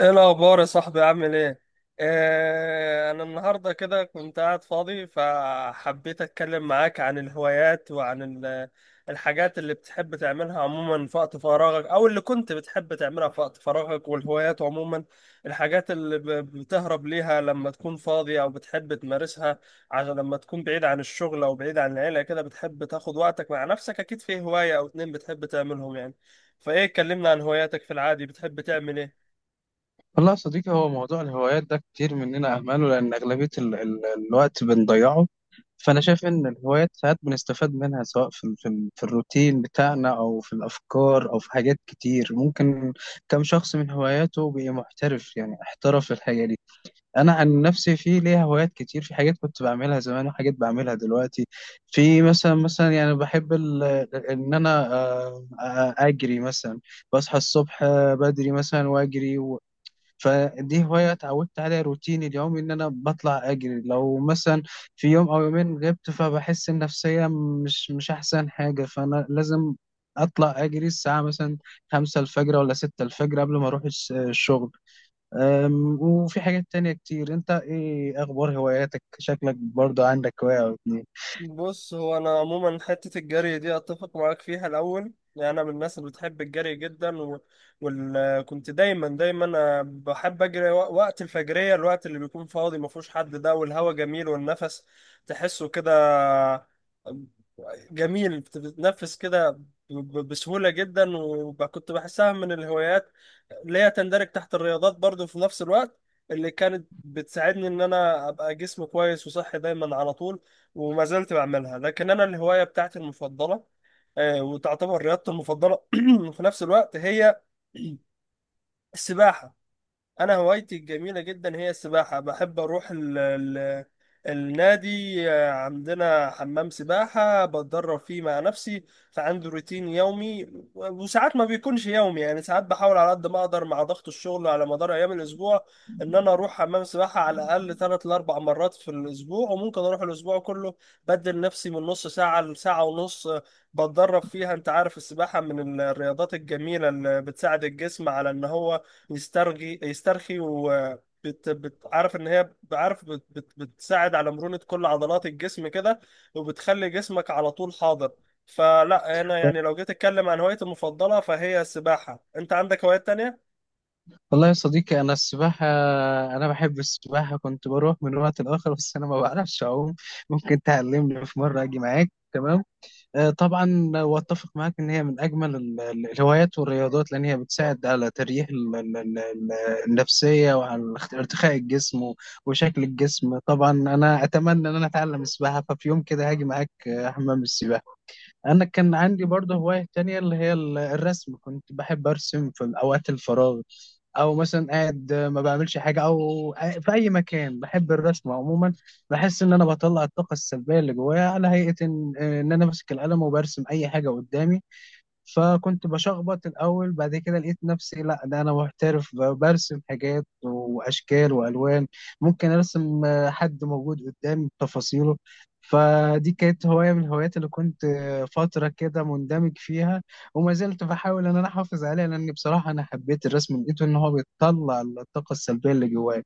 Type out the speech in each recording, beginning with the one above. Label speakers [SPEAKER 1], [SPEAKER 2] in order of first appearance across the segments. [SPEAKER 1] ايه الاخبار يا صاحبي؟ عامل ايه؟ انا النهارده كده كنت قاعد فاضي، فحبيت اتكلم معاك عن الهوايات وعن الحاجات اللي بتحب تعملها عموما في وقت فراغك، او اللي كنت بتحب تعملها في وقت فراغك، والهوايات عموما. الحاجات اللي بتهرب ليها لما تكون فاضي، او بتحب تمارسها عشان لما تكون بعيد عن الشغل او بعيد عن العيله كده، بتحب تاخد وقتك مع نفسك، اكيد في هوايه او اتنين بتحب تعملهم يعني. فايه، كلمنا عن هواياتك في العادي، بتحب تعمل ايه؟
[SPEAKER 2] والله يا صديقي، هو موضوع الهوايات ده كتير مننا أهمله لأن أغلبية ال ال الوقت بنضيعه. فأنا شايف إن الهوايات ساعات بنستفاد منها، سواء في الروتين بتاعنا أو في الأفكار أو في حاجات كتير. ممكن كم شخص من هواياته بقي محترف، يعني احترف في الحاجة دي. أنا عن نفسي في ليا هوايات كتير، في حاجات كنت بعملها زمان وحاجات بعملها دلوقتي. في مثلا يعني بحب إن أنا أجري مثلا، بصحى الصبح بدري مثلا وأجري. فدي هواية اتعودت عليها، روتيني اليومي إن أنا بطلع أجري. لو مثلا في يوم أو يومين غبت فبحس النفسية مش أحسن حاجة، فأنا لازم أطلع أجري الساعة مثلا 5 الفجر ولا 6 الفجر قبل ما أروح الشغل. وفي حاجات تانية كتير. أنت إيه أخبار هواياتك؟ شكلك برضو عندك هواية أو اتنين؟
[SPEAKER 1] بص، هو انا عموما حته الجري دي اتفق معاك فيها الاول، يعني انا من الناس اللي بتحب الجري جدا كنت دايما أنا بحب اجري، وقت الفجريه، الوقت اللي بيكون فاضي ما فيهوش حد ده، والهواء جميل، والنفس تحسه كده جميل، بتتنفس كده بسهوله جدا. وكنت بحسها من الهوايات اللي هي تندرج تحت الرياضات برضو في نفس الوقت، اللي كانت بتساعدني ان انا ابقى جسمي كويس وصحي دايما على طول، وما زلت بعملها. لكن انا الهوايه بتاعتي المفضله، وتعتبر رياضتي المفضله في نفس الوقت، هي السباحه. انا هوايتي الجميله جدا هي السباحه، بحب اروح ال النادي. عندنا حمام سباحه بتدرب فيه مع نفسي، فعندي روتين يومي. وساعات ما بيكونش يومي، يعني ساعات بحاول على قد ما اقدر مع ضغط الشغل على مدار ايام الاسبوع ان انا اروح حمام سباحه على الاقل ثلاث لاربع مرات في الاسبوع، وممكن اروح الاسبوع كله. بدل نفسي من نص ساعه لساعه ونص، بتدرب فيها. انت عارف السباحه من الرياضات الجميله اللي بتساعد الجسم على ان هو يسترخي، بتعرف ان هي، بتساعد على مرونة كل عضلات الجسم كده، وبتخلي جسمك على طول حاضر. فلا، انا يعني لو جيت اتكلم عن هوايتي المفضلة فهي السباحة. انت عندك هوايات تانية؟
[SPEAKER 2] والله يا صديقي، أنا بحب السباحة، كنت بروح من وقت لآخر بس أنا ما بعرفش أعوم. ممكن تعلمني في مرة أجي معاك؟ تمام. طبعا، واتفق معاك ان هي من اجمل الهوايات والرياضات، لان هي بتساعد على تريح النفسيه وعلى ارتخاء الجسم وشكل الجسم. طبعا انا اتمنى ان انا اتعلم السباحه، ففي يوم كده هاجي معاك حمام السباحه. انا كان عندي برضه هوايه تانية اللي هي الرسم، كنت بحب ارسم في اوقات الفراغ، او مثلا قاعد ما بعملش حاجه، او في اي مكان بحب الرسم عموما. بحس ان انا بطلع الطاقه السلبيه اللي جوايا على هيئه ان انا ماسك القلم وبرسم اي حاجه قدامي. فكنت بشخبط الأول، بعد كده لقيت نفسي لا ده أنا محترف برسم حاجات وأشكال وألوان. ممكن أرسم حد موجود قدامي بتفاصيله. فدي كانت هواية من الهوايات اللي كنت فترة كده مندمج فيها، وما زلت بحاول إن أنا أحافظ عليها لأن بصراحة أنا حبيت الرسم، لقيته إن هو بيطلع الطاقة السلبية اللي جوايا.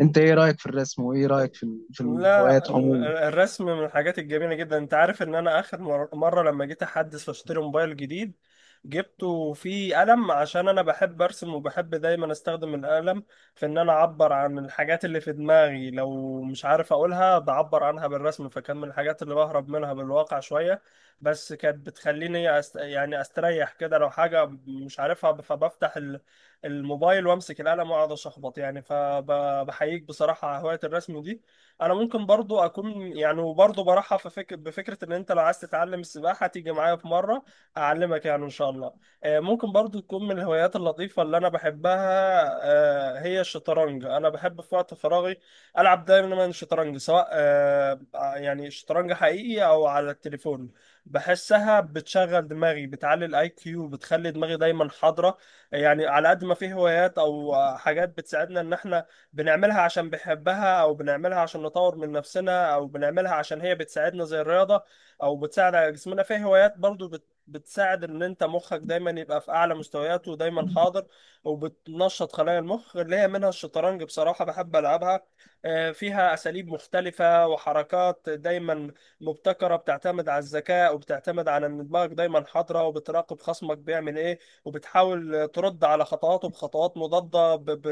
[SPEAKER 2] أنت إيه رأيك في الرسم، وإيه رأيك في
[SPEAKER 1] لا،
[SPEAKER 2] الهوايات عموما؟
[SPEAKER 1] الرسم من الحاجات الجميلة جدا. انت عارف ان انا اخر مرة لما جيت احدث واشتري موبايل جديد، جبته فيه قلم عشان انا بحب ارسم، وبحب دايما استخدم القلم في ان انا اعبر عن الحاجات اللي في دماغي. لو مش عارف اقولها، بعبر عنها بالرسم، فكان من الحاجات اللي بهرب منها بالواقع شوية، بس كانت بتخليني يعني استريح كده. لو حاجة مش عارفها، فبفتح الموبايل وامسك القلم واقعد اشخبط يعني. فبحييك بصراحه على هوايه الرسم دي. انا ممكن برضو اكون يعني، وبرضو برحب بفكره ان انت لو عايز تتعلم السباحه تيجي معايا في مره اعلمك، يعني ان شاء الله. ممكن برضو تكون من الهوايات اللطيفه اللي انا بحبها، هي الشطرنج. انا بحب في وقت فراغي العب دايما شطرنج، سواء يعني شطرنج حقيقي او على التليفون. بحسها بتشغل دماغي، بتعلي الاي كيو، بتخلي دماغي دايما حاضره. يعني على قد ما في هوايات او حاجات بتساعدنا ان احنا بنعملها عشان بنحبها، او بنعملها عشان نطور من نفسنا، او بنعملها عشان هي بتساعدنا زي الرياضة، او بتساعد على جسمنا، في هوايات برضو بتساعد ان انت مخك دايما يبقى في اعلى مستوياته ودايما حاضر، وبتنشط خلايا المخ، اللي هي منها الشطرنج. بصراحة بحب العبها، فيها اساليب مختلفة وحركات دايما مبتكرة، بتعتمد على الذكاء وبتعتمد على ان دماغك دايما حاضرة، وبتراقب خصمك بيعمل ايه، وبتحاول ترد على خطواته بخطوات مضادة ب... ب...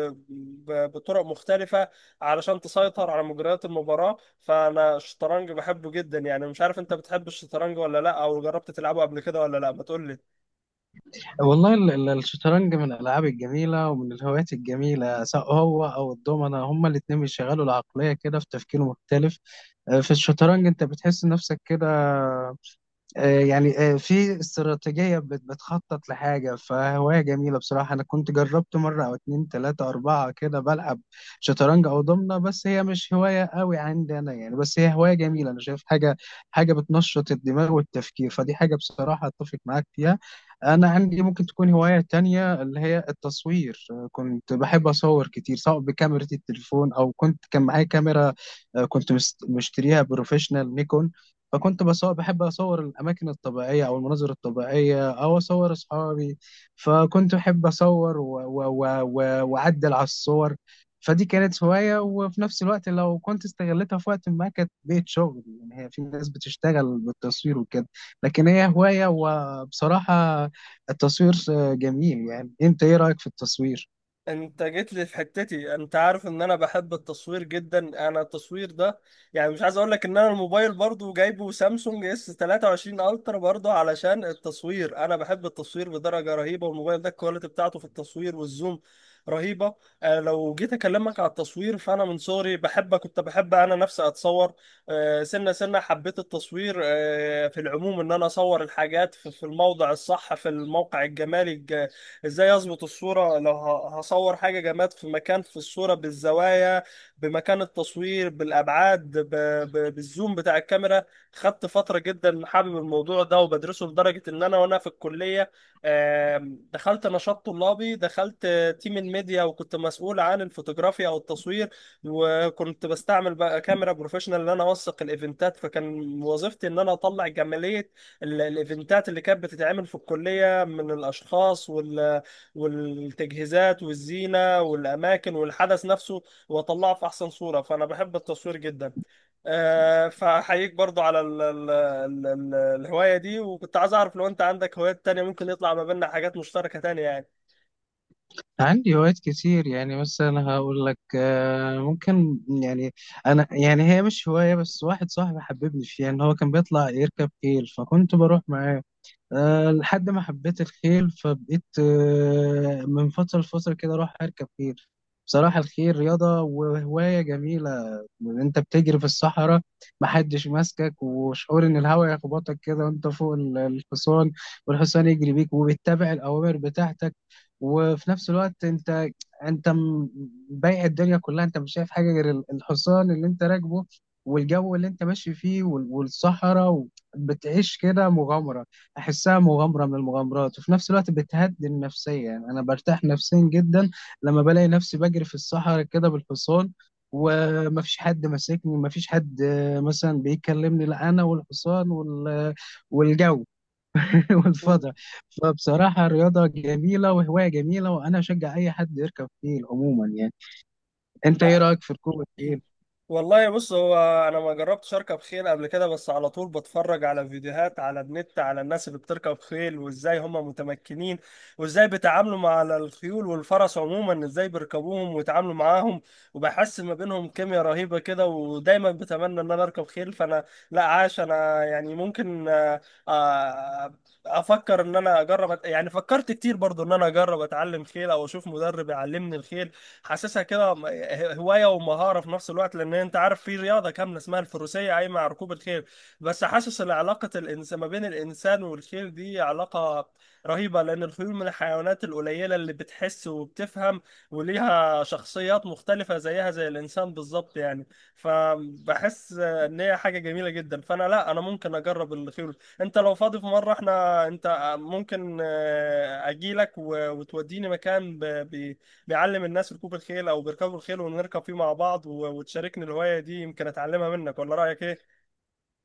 [SPEAKER 1] ب... بطرق مختلفة علشان تسيطر على مجريات المباراة. فأنا الشطرنج بحبه جدا يعني. مش عارف أنت بتحب الشطرنج ولا لأ، أو جربت تلعبه قبل كده ولا لأ، ما تقول لي.
[SPEAKER 2] والله الشطرنج من الألعاب الجميلة ومن الهوايات الجميلة، سواء هو أو الدومنة، هما الاتنين بيشغلوا العقلية كده في تفكير مختلف. في الشطرنج أنت بتحس نفسك كده، يعني في استراتيجية بتخطط لحاجة. فهواية جميلة بصراحة، أنا كنت جربت مرة أو اتنين تلاتة أربعة كده بلعب شطرنج أو ضمنة، بس هي مش هواية قوي عندي أنا يعني. بس هي هواية جميلة، أنا شايف حاجة بتنشط الدماغ والتفكير. فدي حاجة بصراحة أتفق معاك فيها. أنا عندي ممكن تكون هواية تانية اللي هي التصوير. كنت بحب أصور كتير، سواء بكاميرا التليفون أو كان معايا كاميرا. كنت مشتريها بروفيشنال نيكون. فكنت بصور، بحب أصور الأماكن الطبيعية أو المناظر الطبيعية أو أصور أصحابي، فكنت أحب أصور وأعدل على الصور. فدي كانت هواية، وفي نفس الوقت لو كنت استغلتها في وقت ما كانت بقت شغل يعني، هي في ناس بتشتغل بالتصوير وكده. لكن هي هواية، وبصراحة التصوير جميل يعني. أنت إيه رأيك في التصوير؟
[SPEAKER 1] انت جيت لي في حتتي. انت عارف ان انا بحب التصوير جدا. انا التصوير ده يعني، مش عايز اقول لك ان انا الموبايل برضو جايبه سامسونج اس 23 الترا برضو علشان التصوير. انا بحب التصوير بدرجة رهيبة، والموبايل ده الكواليتي بتاعته في التصوير والزوم رهيبة. لو جيت اكلمك على التصوير، فانا من صغري بحب، كنت بحب انا نفسي اتصور، سنة سنة حبيت التصوير، في العموم ان انا اصور الحاجات في الموضع الصح، في الموقع الجمالي، ازاي اظبط الصورة لو هصور حاجة جماد، في مكان، في الصورة، بالزوايا، بمكان التصوير، بالابعاد، بالزوم بتاع الكاميرا. خدت فترة جدا حابب الموضوع ده وبدرسه، لدرجة ان انا وانا في الكلية، دخلت نشاط طلابي، دخلت تيم الميديا، وكنت مسؤول عن الفوتوغرافيا او التصوير. وكنت بستعمل بقى كاميرا بروفيشنال ان انا اوثق الايفنتات، فكان وظيفتي ان انا اطلع جمالية الايفنتات اللي كانت بتتعمل في الكلية، من الاشخاص والتجهيزات والزينة والأماكن والحدث نفسه، وأطلعه في أحسن صورة. فأنا بحب التصوير جدا، فأحييك برضو على ال ال ال ال الهواية دي. وكنت عايز أعرف لو أنت عندك هوايات تانية، ممكن يطلع ما بيننا حاجات مشتركة تانية يعني.
[SPEAKER 2] عندي هوايات كتير. يعني مثلا هقول لك ممكن يعني، انا يعني هي مش هواية، بس واحد صاحبي حببني فيها، ان هو كان بيطلع يركب خيل فكنت بروح معاه. لحد ما حبيت الخيل، فبقيت من فترة لفترة كده اروح اركب خيل. بصراحة الخيل رياضة وهواية جميلة، وان انت بتجري في الصحراء، محدش ماسكك، وشعور ان الهواء يخبطك كده وانت فوق الحصان، والحصان يجري بيك وبيتبع الاوامر بتاعتك، وفي نفس الوقت انت انت م- بايع الدنيا كلها، انت مش شايف حاجه غير الحصان اللي انت راكبه، والجو اللي انت ماشي فيه والصحراء، بتعيش كده مغامره، احسها مغامره من المغامرات، وفي نفس الوقت بتهدي النفسيه يعني. انا برتاح نفسيا جدا لما بلاقي نفسي بجري في الصحراء كده بالحصان، وما فيش حد ماسكني، ما فيش حد مثلا بيكلمني، لا انا والحصان والجو
[SPEAKER 1] مم.
[SPEAKER 2] والفضاء. فبصراحة رياضة جميلة وهواية جميلة، وانا اشجع اي حد يركب خيل عموما يعني. انت ايه
[SPEAKER 1] لا
[SPEAKER 2] رأيك في ركوب الخيل؟
[SPEAKER 1] والله، بص، هو انا ما جربتش اركب خيل قبل كده، بس على طول بتفرج على فيديوهات على النت على الناس اللي بتركب خيل، وازاي هم متمكنين، وازاي بيتعاملوا مع، على الخيول والفرس عموما ازاي بيركبوهم ويتعاملوا معاهم. وبحس ما بينهم كيمياء رهيبة كده، ودايما بتمنى ان انا اركب خيل. فانا لا عاش، انا يعني ممكن، آه، افكر ان انا اجرب يعني فكرت كتير برضو ان انا اجرب اتعلم خيل او اشوف مدرب يعلمني الخيل. حاسسها كده هوايه ومهاره في نفس الوقت، لان انت عارف في رياضه كامله اسمها الفروسيه قايمه على ركوب الخيل. بس حاسس ان علاقه الانسان، ما بين الانسان والخيل دي، علاقه رهيبه، لان الخيول من الحيوانات القليله اللي بتحس وبتفهم، وليها شخصيات مختلفه زيها زي الانسان بالظبط يعني. فبحس ان هي حاجه جميله جدا. فانا لا، انا ممكن اجرب الخيول. انت لو فاضي في مره، احنا انت ممكن اجي لك وتوديني مكان بيعلم الناس ركوب الخيل او بيركبوا الخيل، ونركب فيه مع بعض، وتشاركني الهوايه دي، يمكن اتعلمها منك، ولا رايك ايه؟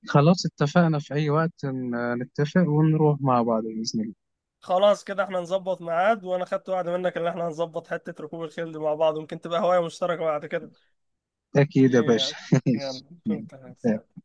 [SPEAKER 2] خلاص اتفقنا، في اي وقت نتفق ونروح مع بعض بإذن الله.
[SPEAKER 1] خلاص كده، احنا نظبط ميعاد، وانا خدت وعد منك ان احنا هنظبط حته ركوب الخيل دي مع بعض، ويمكن تبقى هوايه مشتركه بعد كده.
[SPEAKER 2] اكيد يا
[SPEAKER 1] إيه يعني،
[SPEAKER 2] باشا.
[SPEAKER 1] يلا
[SPEAKER 2] ماشي.
[SPEAKER 1] شكراً.